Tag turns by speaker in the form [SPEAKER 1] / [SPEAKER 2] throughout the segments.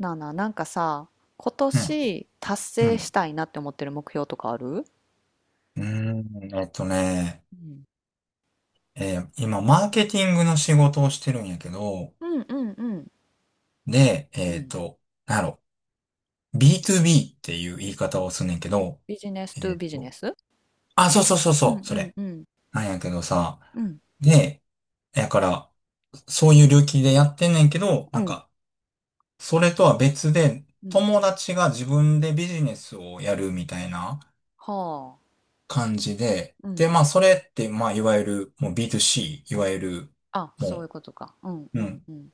[SPEAKER 1] なあなあ、なんかさ、今
[SPEAKER 2] うん、
[SPEAKER 1] 年達
[SPEAKER 2] う
[SPEAKER 1] 成
[SPEAKER 2] ん。
[SPEAKER 1] したいなって思ってる目標とかある？
[SPEAKER 2] うーん、えっとね、
[SPEAKER 1] うん
[SPEAKER 2] えー今、マーケティングの仕事をしてるんやけど、
[SPEAKER 1] うんうんうん
[SPEAKER 2] で、
[SPEAKER 1] うん
[SPEAKER 2] なんやろ、B2B っていう言い方をすんねんけど、
[SPEAKER 1] ビジネスト
[SPEAKER 2] え
[SPEAKER 1] ゥ
[SPEAKER 2] っ
[SPEAKER 1] ビジネ
[SPEAKER 2] と、
[SPEAKER 1] ス
[SPEAKER 2] あ、そうそうそう
[SPEAKER 1] う
[SPEAKER 2] そ
[SPEAKER 1] ん
[SPEAKER 2] う、
[SPEAKER 1] う
[SPEAKER 2] そ
[SPEAKER 1] ん
[SPEAKER 2] れ。
[SPEAKER 1] うん
[SPEAKER 2] なんやけどさ、
[SPEAKER 1] うん
[SPEAKER 2] で、やから、そういう領域でやってんねんけど、
[SPEAKER 1] う
[SPEAKER 2] なん
[SPEAKER 1] ん
[SPEAKER 2] か、それとは別で、
[SPEAKER 1] うん
[SPEAKER 2] 友達が自分でビジネスをやるみたいな
[SPEAKER 1] はあ。
[SPEAKER 2] 感じで、
[SPEAKER 1] う
[SPEAKER 2] で、
[SPEAKER 1] ん。
[SPEAKER 2] まあ、それって、まあ、いわゆる、もう B2C、いわゆる、
[SPEAKER 1] あ、
[SPEAKER 2] も
[SPEAKER 1] そういう
[SPEAKER 2] う、
[SPEAKER 1] ことか。うんう
[SPEAKER 2] う
[SPEAKER 1] ん
[SPEAKER 2] ん。
[SPEAKER 1] うん。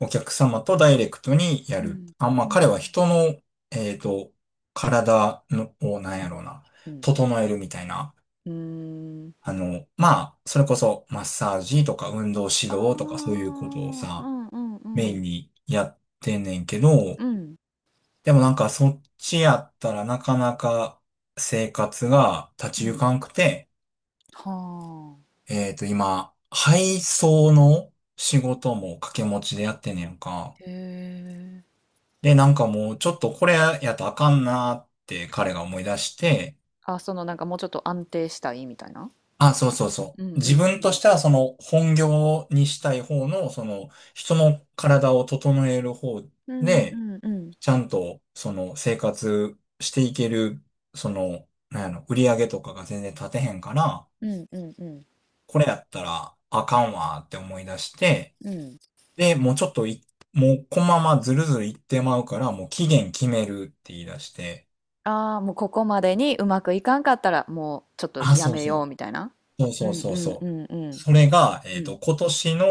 [SPEAKER 2] お客様とダイレクトにや
[SPEAKER 1] う
[SPEAKER 2] る。
[SPEAKER 1] ん
[SPEAKER 2] あ、ま
[SPEAKER 1] う
[SPEAKER 2] あ、彼
[SPEAKER 1] ん
[SPEAKER 2] は人の、えっと、体の、を、なんやろうな、
[SPEAKER 1] うん。
[SPEAKER 2] 整えるみたいな。
[SPEAKER 1] うーん。
[SPEAKER 2] まあ、それこそ、マッサージとか、運動
[SPEAKER 1] あ
[SPEAKER 2] 指導とか、そういうことを
[SPEAKER 1] ーう
[SPEAKER 2] さ、
[SPEAKER 1] んうんう
[SPEAKER 2] メイン
[SPEAKER 1] ん
[SPEAKER 2] にやってんねんけ
[SPEAKER 1] う
[SPEAKER 2] ど、
[SPEAKER 1] ん
[SPEAKER 2] でもなんか、そっちやったらなかなか生活が立ち
[SPEAKER 1] う
[SPEAKER 2] 行
[SPEAKER 1] ん
[SPEAKER 2] かんくて、
[SPEAKER 1] はあ
[SPEAKER 2] 今、配送の仕事も掛け持ちでやってんねんか。
[SPEAKER 1] へえ
[SPEAKER 2] で、なんかもう、ちょっとこれやとあかんなーって彼が思い出して、
[SPEAKER 1] あ。あ、そのなんかもうちょっと安定したいみたいな。
[SPEAKER 2] あ、そうそうそ
[SPEAKER 1] うん
[SPEAKER 2] う。
[SPEAKER 1] う
[SPEAKER 2] 自
[SPEAKER 1] んう
[SPEAKER 2] 分とし
[SPEAKER 1] ん
[SPEAKER 2] てはその本業にしたい方の、その人の体を整える方
[SPEAKER 1] うん
[SPEAKER 2] で、
[SPEAKER 1] うんうん
[SPEAKER 2] ちゃんとその生活していける、その、なんやろ、売り上げとかが全然立てへんから、
[SPEAKER 1] うんうんうん
[SPEAKER 2] これやったらあかんわーって思い出して、
[SPEAKER 1] うん。
[SPEAKER 2] で、もうちょっとい、もうこのままずるずるいってまうから、もう期
[SPEAKER 1] うん
[SPEAKER 2] 限決めるって言い出して、
[SPEAKER 1] ああ、もうここまでにうまくいかんかったら、もうちょっと
[SPEAKER 2] あ、
[SPEAKER 1] や
[SPEAKER 2] そう
[SPEAKER 1] め
[SPEAKER 2] そ
[SPEAKER 1] よう
[SPEAKER 2] う。
[SPEAKER 1] みたいな。
[SPEAKER 2] そう
[SPEAKER 1] う
[SPEAKER 2] そう
[SPEAKER 1] ん
[SPEAKER 2] そ
[SPEAKER 1] う
[SPEAKER 2] う
[SPEAKER 1] んう
[SPEAKER 2] そう。
[SPEAKER 1] んうん。
[SPEAKER 2] それが、
[SPEAKER 1] うん。
[SPEAKER 2] 今年の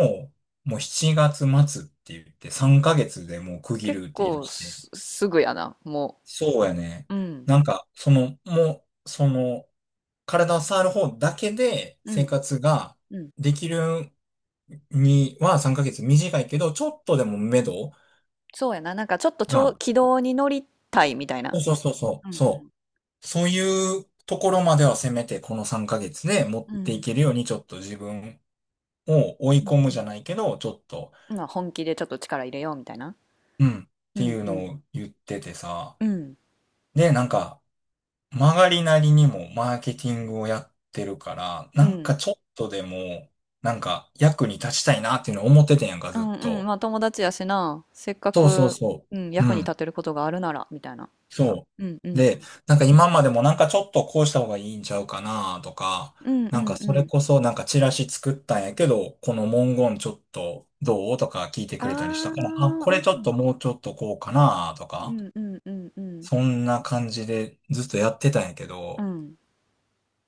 [SPEAKER 2] もう7月末って言って3ヶ月でもう区切
[SPEAKER 1] 結
[SPEAKER 2] るって言い出
[SPEAKER 1] 構
[SPEAKER 2] して。
[SPEAKER 1] すぐやな、も
[SPEAKER 2] そうやね。
[SPEAKER 1] う。うん。
[SPEAKER 2] なんか、その、もう、その、体を触る方だけで
[SPEAKER 1] う
[SPEAKER 2] 生
[SPEAKER 1] ん
[SPEAKER 2] 活が
[SPEAKER 1] うん。
[SPEAKER 2] できるには3ヶ月短いけど、ちょっとでも目処
[SPEAKER 1] そうやな。なんかちょっと
[SPEAKER 2] が、
[SPEAKER 1] 軌道に乗りたいみたい
[SPEAKER 2] そ
[SPEAKER 1] な。
[SPEAKER 2] うそうそうそ
[SPEAKER 1] うんう
[SPEAKER 2] う、
[SPEAKER 1] ん。
[SPEAKER 2] そう、そういうところまではせめてこの3ヶ月で持っ
[SPEAKER 1] うんう
[SPEAKER 2] てい
[SPEAKER 1] ん
[SPEAKER 2] けるようにちょっと自分を追い
[SPEAKER 1] うん
[SPEAKER 2] 込む
[SPEAKER 1] う
[SPEAKER 2] じゃ
[SPEAKER 1] ん
[SPEAKER 2] ないけど、ちょっと、
[SPEAKER 1] うんまあ本気でちょっと力入れようみたいな。
[SPEAKER 2] うんっ
[SPEAKER 1] う
[SPEAKER 2] てい
[SPEAKER 1] ん
[SPEAKER 2] う
[SPEAKER 1] う
[SPEAKER 2] の
[SPEAKER 1] ん
[SPEAKER 2] を言っててさ。
[SPEAKER 1] うん
[SPEAKER 2] で、なんか、曲がりなりにもマーケティングをやってるから、
[SPEAKER 1] う
[SPEAKER 2] なんか
[SPEAKER 1] ん
[SPEAKER 2] ちょっとでも、なんか役に立ちたいなっていうのを思っててんやんか、
[SPEAKER 1] う
[SPEAKER 2] ずっ
[SPEAKER 1] んうん。
[SPEAKER 2] と。
[SPEAKER 1] まあ友達やしな。せっか
[SPEAKER 2] そうそう
[SPEAKER 1] く、
[SPEAKER 2] そ
[SPEAKER 1] うん、
[SPEAKER 2] う。う
[SPEAKER 1] 役に立
[SPEAKER 2] ん。
[SPEAKER 1] てることがあるならみたいな。
[SPEAKER 2] そ
[SPEAKER 1] うんう
[SPEAKER 2] う。
[SPEAKER 1] ん。
[SPEAKER 2] で、なんか今までもなんかちょっとこうした方がいいんちゃうかなとか、
[SPEAKER 1] うんう
[SPEAKER 2] なん
[SPEAKER 1] ん
[SPEAKER 2] かそ
[SPEAKER 1] う
[SPEAKER 2] れ
[SPEAKER 1] ん。
[SPEAKER 2] こそなんかチラシ作ったんやけど、この文言ちょっとどうとか聞いてくれたりした
[SPEAKER 1] あ
[SPEAKER 2] か
[SPEAKER 1] あ、
[SPEAKER 2] ら、あ、こ
[SPEAKER 1] う
[SPEAKER 2] れちょっ
[SPEAKER 1] ん。
[SPEAKER 2] ともうちょっとこうかなと
[SPEAKER 1] う
[SPEAKER 2] か。
[SPEAKER 1] んうんうんうん。
[SPEAKER 2] そんな感じでずっとやってたんやけ
[SPEAKER 1] う
[SPEAKER 2] ど、
[SPEAKER 1] ん。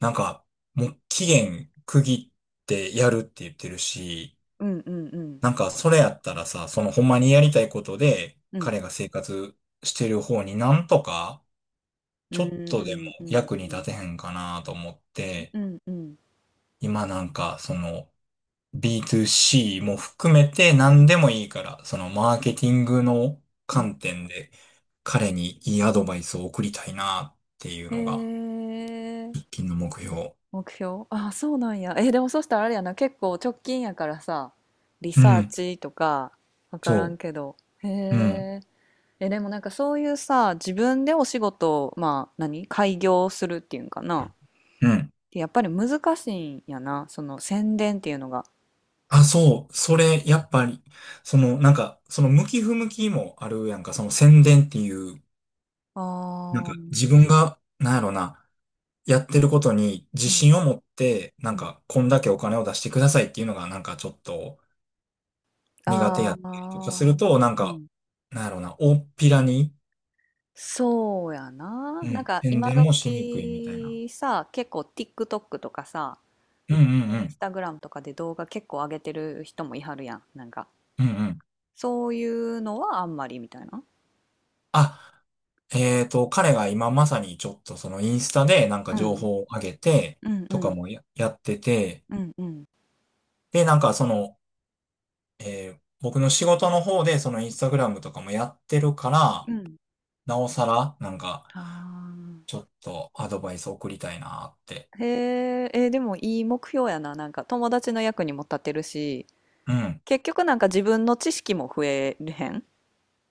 [SPEAKER 2] なんか、もう期限区切ってやるって言ってるし、
[SPEAKER 1] うんうんうん。
[SPEAKER 2] なんかそれやったらさ、そのほんまにやりたいことで、
[SPEAKER 1] うん。
[SPEAKER 2] 彼が生活してる方になんとか、
[SPEAKER 1] う
[SPEAKER 2] ちょ
[SPEAKER 1] ん
[SPEAKER 2] っ
[SPEAKER 1] う
[SPEAKER 2] とでも
[SPEAKER 1] んうん
[SPEAKER 2] 役
[SPEAKER 1] う
[SPEAKER 2] に
[SPEAKER 1] ん。
[SPEAKER 2] 立てへんかなと思って、
[SPEAKER 1] うんうん。
[SPEAKER 2] 今なんかその B2C も含めて
[SPEAKER 1] う
[SPEAKER 2] 何
[SPEAKER 1] ん。
[SPEAKER 2] でもいいから、そのマーケティングの
[SPEAKER 1] うん。
[SPEAKER 2] 観点で彼にいいアドバイスを送りたいなっていうのが
[SPEAKER 1] へえ。
[SPEAKER 2] 喫緊の目標。
[SPEAKER 1] 目標あ、そうなんや。え、でもそしたらあれやな、結構直近やからさ、リ
[SPEAKER 2] う
[SPEAKER 1] サー
[SPEAKER 2] ん。
[SPEAKER 1] チとか、わからん
[SPEAKER 2] そ
[SPEAKER 1] けど。へ
[SPEAKER 2] う。うん。
[SPEAKER 1] え。え、でもなんかそういうさ、自分でお仕事を、まあ、何開業するっていうんかな。
[SPEAKER 2] うん。
[SPEAKER 1] やっぱり難しいんやな、その宣伝っていうのが。
[SPEAKER 2] あ、そう。それ、やっぱり、その、なんか、その向き不向きもあるやんか、その宣伝っていう、なん
[SPEAKER 1] ああ。う
[SPEAKER 2] か自分が、なんやろな、やってることに自信
[SPEAKER 1] ん
[SPEAKER 2] を持って、な
[SPEAKER 1] う
[SPEAKER 2] ん
[SPEAKER 1] ん。
[SPEAKER 2] か、こんだけお金を出してくださいっていうのが、なんかちょっと苦手
[SPEAKER 1] あ
[SPEAKER 2] やったりとかす
[SPEAKER 1] あ、
[SPEAKER 2] ると、なん
[SPEAKER 1] う
[SPEAKER 2] か、
[SPEAKER 1] ん。
[SPEAKER 2] なんやろな、大っぴらに、
[SPEAKER 1] そうやな。
[SPEAKER 2] う
[SPEAKER 1] なん
[SPEAKER 2] ん、
[SPEAKER 1] か
[SPEAKER 2] 宣
[SPEAKER 1] 今
[SPEAKER 2] 伝もしにくいみたいな。
[SPEAKER 1] 時さ、結構 TikTok とかさ、
[SPEAKER 2] うんうんう
[SPEAKER 1] イン
[SPEAKER 2] ん。
[SPEAKER 1] スタグラムとかで動画結構上げてる人もいはるやん。なんか、
[SPEAKER 2] うんうん。
[SPEAKER 1] そういうのはあんまりみたいな。
[SPEAKER 2] あ、彼が今まさにちょっとそのインスタでなんか
[SPEAKER 1] う
[SPEAKER 2] 情
[SPEAKER 1] ん。
[SPEAKER 2] 報を上げて
[SPEAKER 1] うんう
[SPEAKER 2] とか
[SPEAKER 1] ん
[SPEAKER 2] もやってて、
[SPEAKER 1] うんうん
[SPEAKER 2] で、なんかその、僕の仕事の方でそのインスタグラムとかもやってるから、
[SPEAKER 1] うん。
[SPEAKER 2] なおさらなんか
[SPEAKER 1] あ
[SPEAKER 2] ちょっとアドバイス送りたいなって。
[SPEAKER 1] あ。へえ、えー、でもいい目標やな。なんか友達の役にも立てるし、
[SPEAKER 2] うん。
[SPEAKER 1] 結局なんか自分の知識も増えるへん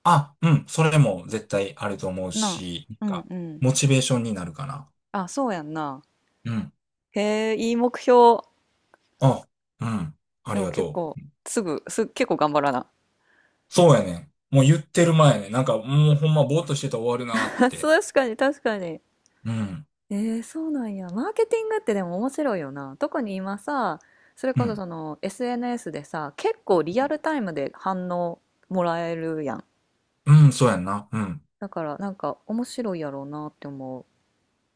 [SPEAKER 2] あ、うん。それも絶対あると思う
[SPEAKER 1] な
[SPEAKER 2] し、なん
[SPEAKER 1] あ。うん
[SPEAKER 2] か
[SPEAKER 1] うん。
[SPEAKER 2] モチベーションになるかな。
[SPEAKER 1] あ、そうやんな。
[SPEAKER 2] うん。
[SPEAKER 1] へえ、いい目標。
[SPEAKER 2] あ、うん。あ
[SPEAKER 1] で
[SPEAKER 2] り
[SPEAKER 1] も
[SPEAKER 2] が
[SPEAKER 1] 結
[SPEAKER 2] と
[SPEAKER 1] 構、
[SPEAKER 2] う。
[SPEAKER 1] すぐ、す、結構頑張らな。
[SPEAKER 2] そうやねん。もう言ってる前ね。なんかもうほんまぼーっとしてたら終わる なって。
[SPEAKER 1] 確かに、確かに。
[SPEAKER 2] うん、
[SPEAKER 1] えー、そうなんや。マーケティングってでも面白いよな。特に今さ、それ
[SPEAKER 2] う
[SPEAKER 1] こそ
[SPEAKER 2] ん、
[SPEAKER 1] その SNS でさ、結構リアルタイムで反応もらえるやん。
[SPEAKER 2] うん、そうやんな。うん、
[SPEAKER 1] だからなんか面白いやろうなって思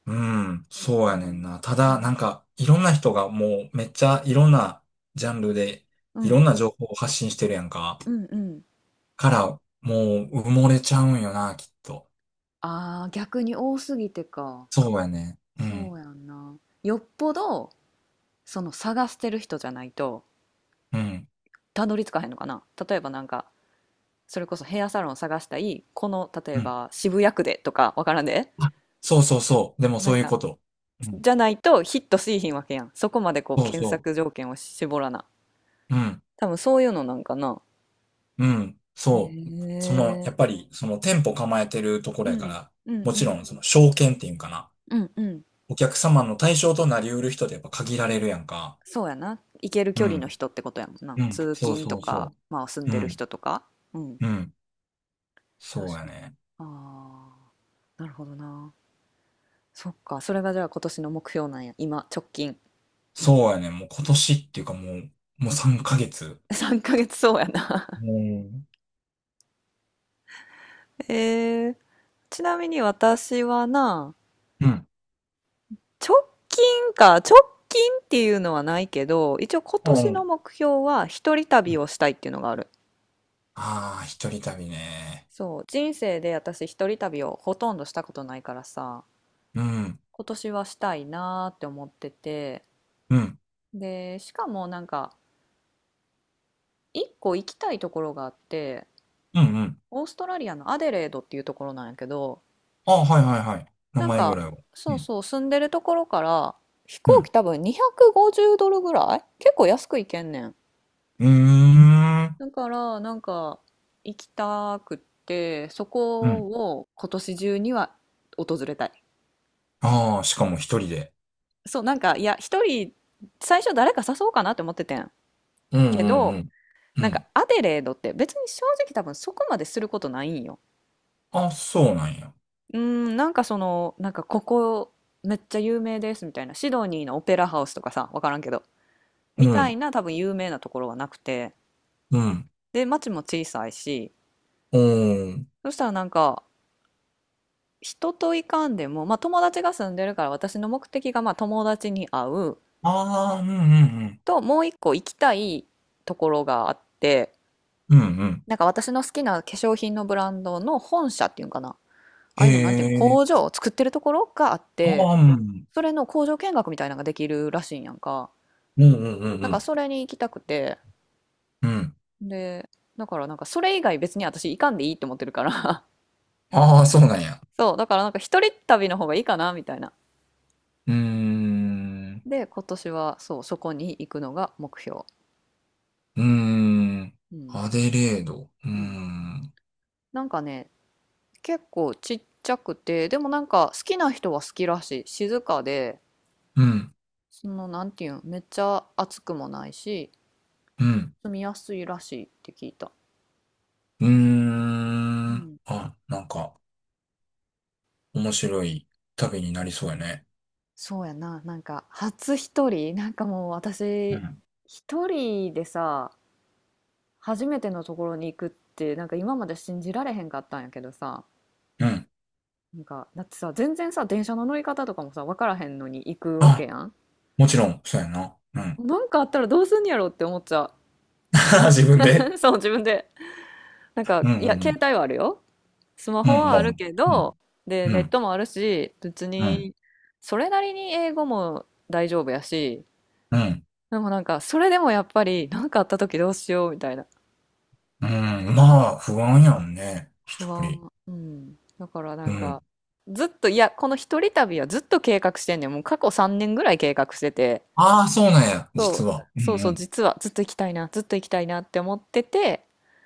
[SPEAKER 2] うん、
[SPEAKER 1] う。
[SPEAKER 2] そう
[SPEAKER 1] うんう
[SPEAKER 2] やねん
[SPEAKER 1] ん
[SPEAKER 2] な。ただ、なんか、いろんな人がもうめっちゃいろんなジャンルで
[SPEAKER 1] う
[SPEAKER 2] いろ
[SPEAKER 1] ん
[SPEAKER 2] んな情報を発信してるやんか。
[SPEAKER 1] うんうん。
[SPEAKER 2] から、もう埋もれちゃうんよな、きっと。
[SPEAKER 1] ああ、逆に多すぎてか。
[SPEAKER 2] そうやね。う
[SPEAKER 1] そう
[SPEAKER 2] ん、
[SPEAKER 1] やんな。よっぽど、その探してる人じゃないと、
[SPEAKER 2] うん、
[SPEAKER 1] たどり着かへんのかな、例えばなんかそれこそヘアサロンを探したい、この例え
[SPEAKER 2] うん。
[SPEAKER 1] ば渋谷区でとか、わからんで。
[SPEAKER 2] そうそうそう。でも
[SPEAKER 1] な
[SPEAKER 2] そ
[SPEAKER 1] ん
[SPEAKER 2] ういう
[SPEAKER 1] か
[SPEAKER 2] こと。うん、
[SPEAKER 1] じゃないとヒットしいひんわけやん、そこまでこう
[SPEAKER 2] そう
[SPEAKER 1] 検
[SPEAKER 2] そ
[SPEAKER 1] 索条件を絞らな。
[SPEAKER 2] う。うん、
[SPEAKER 1] 多分そういうのなんかな。
[SPEAKER 2] うん、
[SPEAKER 1] へ
[SPEAKER 2] そう。その、
[SPEAKER 1] え
[SPEAKER 2] やっぱり、その店舗構えてるとこ
[SPEAKER 1] う
[SPEAKER 2] ろやか
[SPEAKER 1] ん
[SPEAKER 2] ら、
[SPEAKER 1] うん
[SPEAKER 2] も
[SPEAKER 1] う
[SPEAKER 2] ちろ
[SPEAKER 1] ん
[SPEAKER 2] ん、
[SPEAKER 1] う
[SPEAKER 2] その、
[SPEAKER 1] ん
[SPEAKER 2] 証券っていうんかな。
[SPEAKER 1] うんうん。
[SPEAKER 2] お客様の対象となりうる人ってやっぱ限られるやんか。
[SPEAKER 1] そうやな、行ける
[SPEAKER 2] う
[SPEAKER 1] 距離の
[SPEAKER 2] ん。
[SPEAKER 1] 人ってことやもんな、
[SPEAKER 2] うん。
[SPEAKER 1] 通
[SPEAKER 2] そう
[SPEAKER 1] 勤と
[SPEAKER 2] そう
[SPEAKER 1] か
[SPEAKER 2] そ
[SPEAKER 1] まあ住ん
[SPEAKER 2] う。う
[SPEAKER 1] でる
[SPEAKER 2] ん。
[SPEAKER 1] 人とか。うん、
[SPEAKER 2] うん。そう
[SPEAKER 1] 確
[SPEAKER 2] や
[SPEAKER 1] かに。
[SPEAKER 2] ね。
[SPEAKER 1] ああなるほどな。そっかそれがじゃあ今年の目標なんや、今直近
[SPEAKER 2] そうやね。もう今年っていうかもう、もう3ヶ月。
[SPEAKER 1] 3ヶ月そうやな。
[SPEAKER 2] もう、
[SPEAKER 1] えー、ちなみに私はな、
[SPEAKER 2] うん。
[SPEAKER 1] 直近か、直近っていうのはないけど、一応今年の
[SPEAKER 2] う
[SPEAKER 1] 目標は一人
[SPEAKER 2] ん。
[SPEAKER 1] 旅をしたいっていうのがある。
[SPEAKER 2] ああー、一人旅ね。
[SPEAKER 1] そう、人生で私一人旅をほとんどしたことないからさ、
[SPEAKER 2] うん。
[SPEAKER 1] 今年はしたいなーって思ってて、
[SPEAKER 2] うん。
[SPEAKER 1] で、しかもなんか、一個行きたいところがあって、
[SPEAKER 2] うん。うん。
[SPEAKER 1] オーストラリアのアデレードっていうところなんやけど、
[SPEAKER 2] ああ、はいはいはい。名
[SPEAKER 1] なん
[SPEAKER 2] 前ぐ
[SPEAKER 1] か、
[SPEAKER 2] らいは。う
[SPEAKER 1] そう
[SPEAKER 2] ん。
[SPEAKER 1] そう、住んでるところから、飛
[SPEAKER 2] う
[SPEAKER 1] 行
[SPEAKER 2] ん。
[SPEAKER 1] 機多分250ドルぐらい結構安く行けんねん。
[SPEAKER 2] うーん。
[SPEAKER 1] だから、なんか、行きたくって、そ
[SPEAKER 2] う
[SPEAKER 1] こ
[SPEAKER 2] ん。
[SPEAKER 1] を今年中には訪れたい。
[SPEAKER 2] ああ、しかも一人で。
[SPEAKER 1] そう、なんか、いや、一人、最初誰か誘おうかなって思っててん。
[SPEAKER 2] うん
[SPEAKER 1] け
[SPEAKER 2] うんう
[SPEAKER 1] ど、
[SPEAKER 2] ん。う
[SPEAKER 1] なんか、
[SPEAKER 2] ん。
[SPEAKER 1] アデレードって別に正直多分そこまですることないんよ。
[SPEAKER 2] あ、そうなんや。
[SPEAKER 1] なんかなんかここ、めっちゃ有名ですみたいな、シドニーのオペラハウスとかさ、分からんけど
[SPEAKER 2] う
[SPEAKER 1] みた
[SPEAKER 2] ん。
[SPEAKER 1] いな、多分有名なところはなくて、
[SPEAKER 2] うん。
[SPEAKER 1] で町も小さいし、
[SPEAKER 2] おー
[SPEAKER 1] そしたらなんか人といかんでも、まあ、友達が住んでるから私の目的がまあ友達に会う
[SPEAKER 2] ああ、うんうん
[SPEAKER 1] と、もう一個行きたいところがあって、
[SPEAKER 2] うん。うんうん。
[SPEAKER 1] なんか私の好きな化粧品のブランドの本社っていうんかな、あ
[SPEAKER 2] へ
[SPEAKER 1] あいうのなんていうの、
[SPEAKER 2] え。
[SPEAKER 1] 工場を作ってるところがあって、
[SPEAKER 2] ああ、うん。
[SPEAKER 1] それの工場見学みたいなのができるらしいんやんか。
[SPEAKER 2] うんうんうんう
[SPEAKER 1] だから
[SPEAKER 2] ん。
[SPEAKER 1] それに行きたくて、
[SPEAKER 2] うん。
[SPEAKER 1] で、だからなんかそれ以外別に私行かんでいいって思ってるから、
[SPEAKER 2] ああ、そうなんや。
[SPEAKER 1] そう、だからなんか一人旅の方がいいかなみたいな。
[SPEAKER 2] うーん。
[SPEAKER 1] で、今年はそう、そこに行くのが目標。
[SPEAKER 2] うーん。
[SPEAKER 1] うん。
[SPEAKER 2] アデレード。うー
[SPEAKER 1] うん。
[SPEAKER 2] ん。
[SPEAKER 1] なんかね、結構ちっちゃくて、でもなんか好きな人は好きらしい。静かで、
[SPEAKER 2] うん。
[SPEAKER 1] その、なんていうん、めっちゃ暑くもないし、
[SPEAKER 2] うん。
[SPEAKER 1] 住みやすいらしいって聞いた。
[SPEAKER 2] うー
[SPEAKER 1] う
[SPEAKER 2] ん。
[SPEAKER 1] ん。
[SPEAKER 2] あ、なんか、面白い旅になりそうやね。
[SPEAKER 1] そうやな、なんか初一人、なんかもう
[SPEAKER 2] う
[SPEAKER 1] 私、
[SPEAKER 2] ん。
[SPEAKER 1] 一人でさ、初めてのところに行くって、なんか今まで信じられへんかったんやけどさ、
[SPEAKER 2] うん。
[SPEAKER 1] なんか、だってさ、全然さ、電車の乗り方とかもさ、分からへんのに行くわけ
[SPEAKER 2] あ、
[SPEAKER 1] やん。
[SPEAKER 2] もちろん、そうやな。うん。
[SPEAKER 1] なんかあったらどうすんやろって思っちゃう。
[SPEAKER 2] 自分で。
[SPEAKER 1] そう、自分で。なんか、
[SPEAKER 2] うん
[SPEAKER 1] い
[SPEAKER 2] う
[SPEAKER 1] や、携
[SPEAKER 2] ん
[SPEAKER 1] 帯はあるよ。スマ
[SPEAKER 2] う
[SPEAKER 1] ホ
[SPEAKER 2] ん。うん、
[SPEAKER 1] は
[SPEAKER 2] ま
[SPEAKER 1] あ
[SPEAKER 2] あ、う
[SPEAKER 1] る
[SPEAKER 2] ん。
[SPEAKER 1] けど、で、
[SPEAKER 2] う
[SPEAKER 1] ネッ
[SPEAKER 2] ん。
[SPEAKER 1] トもあるし、別
[SPEAKER 2] うん。
[SPEAKER 1] に、それなりに英語も大丈夫やし、
[SPEAKER 2] うん。
[SPEAKER 1] でもなんか、それでもやっぱり、なんかあった時どうしようみたいな。
[SPEAKER 2] うん。まあ、不安やんね。一
[SPEAKER 1] 不
[SPEAKER 2] 人。
[SPEAKER 1] 安。うん。だからな
[SPEAKER 2] う
[SPEAKER 1] んか、
[SPEAKER 2] ん。
[SPEAKER 1] ずっと、いや、この一人旅はずっと計画してんねん。もう過去3年ぐらい計画してて、
[SPEAKER 2] ああ、そうなんや、実
[SPEAKER 1] そう、
[SPEAKER 2] は。う
[SPEAKER 1] そうそう、
[SPEAKER 2] ん、
[SPEAKER 1] 実はずっと行きたいな、ずっと行きたいなって思ってて、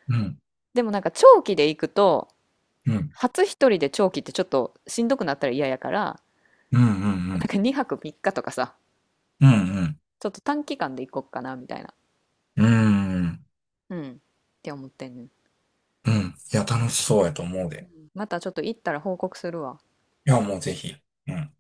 [SPEAKER 2] うん、
[SPEAKER 1] でもなんか長期で行くと、
[SPEAKER 2] うん、うん、
[SPEAKER 1] 初一人で長期ってちょっとしんどくなったら嫌やから、
[SPEAKER 2] うん、う
[SPEAKER 1] なん
[SPEAKER 2] ん、
[SPEAKER 1] か2泊3日とかさ、
[SPEAKER 2] うん、
[SPEAKER 1] ちょっと短期間で行こっかなみたいな、
[SPEAKER 2] うん、うん、
[SPEAKER 1] うん、って思ってんねん。
[SPEAKER 2] うん。いや、楽しそうやと思う
[SPEAKER 1] う
[SPEAKER 2] で。
[SPEAKER 1] ん、またちょっと行ったら報告するわ。
[SPEAKER 2] いや、もうぜひ。うん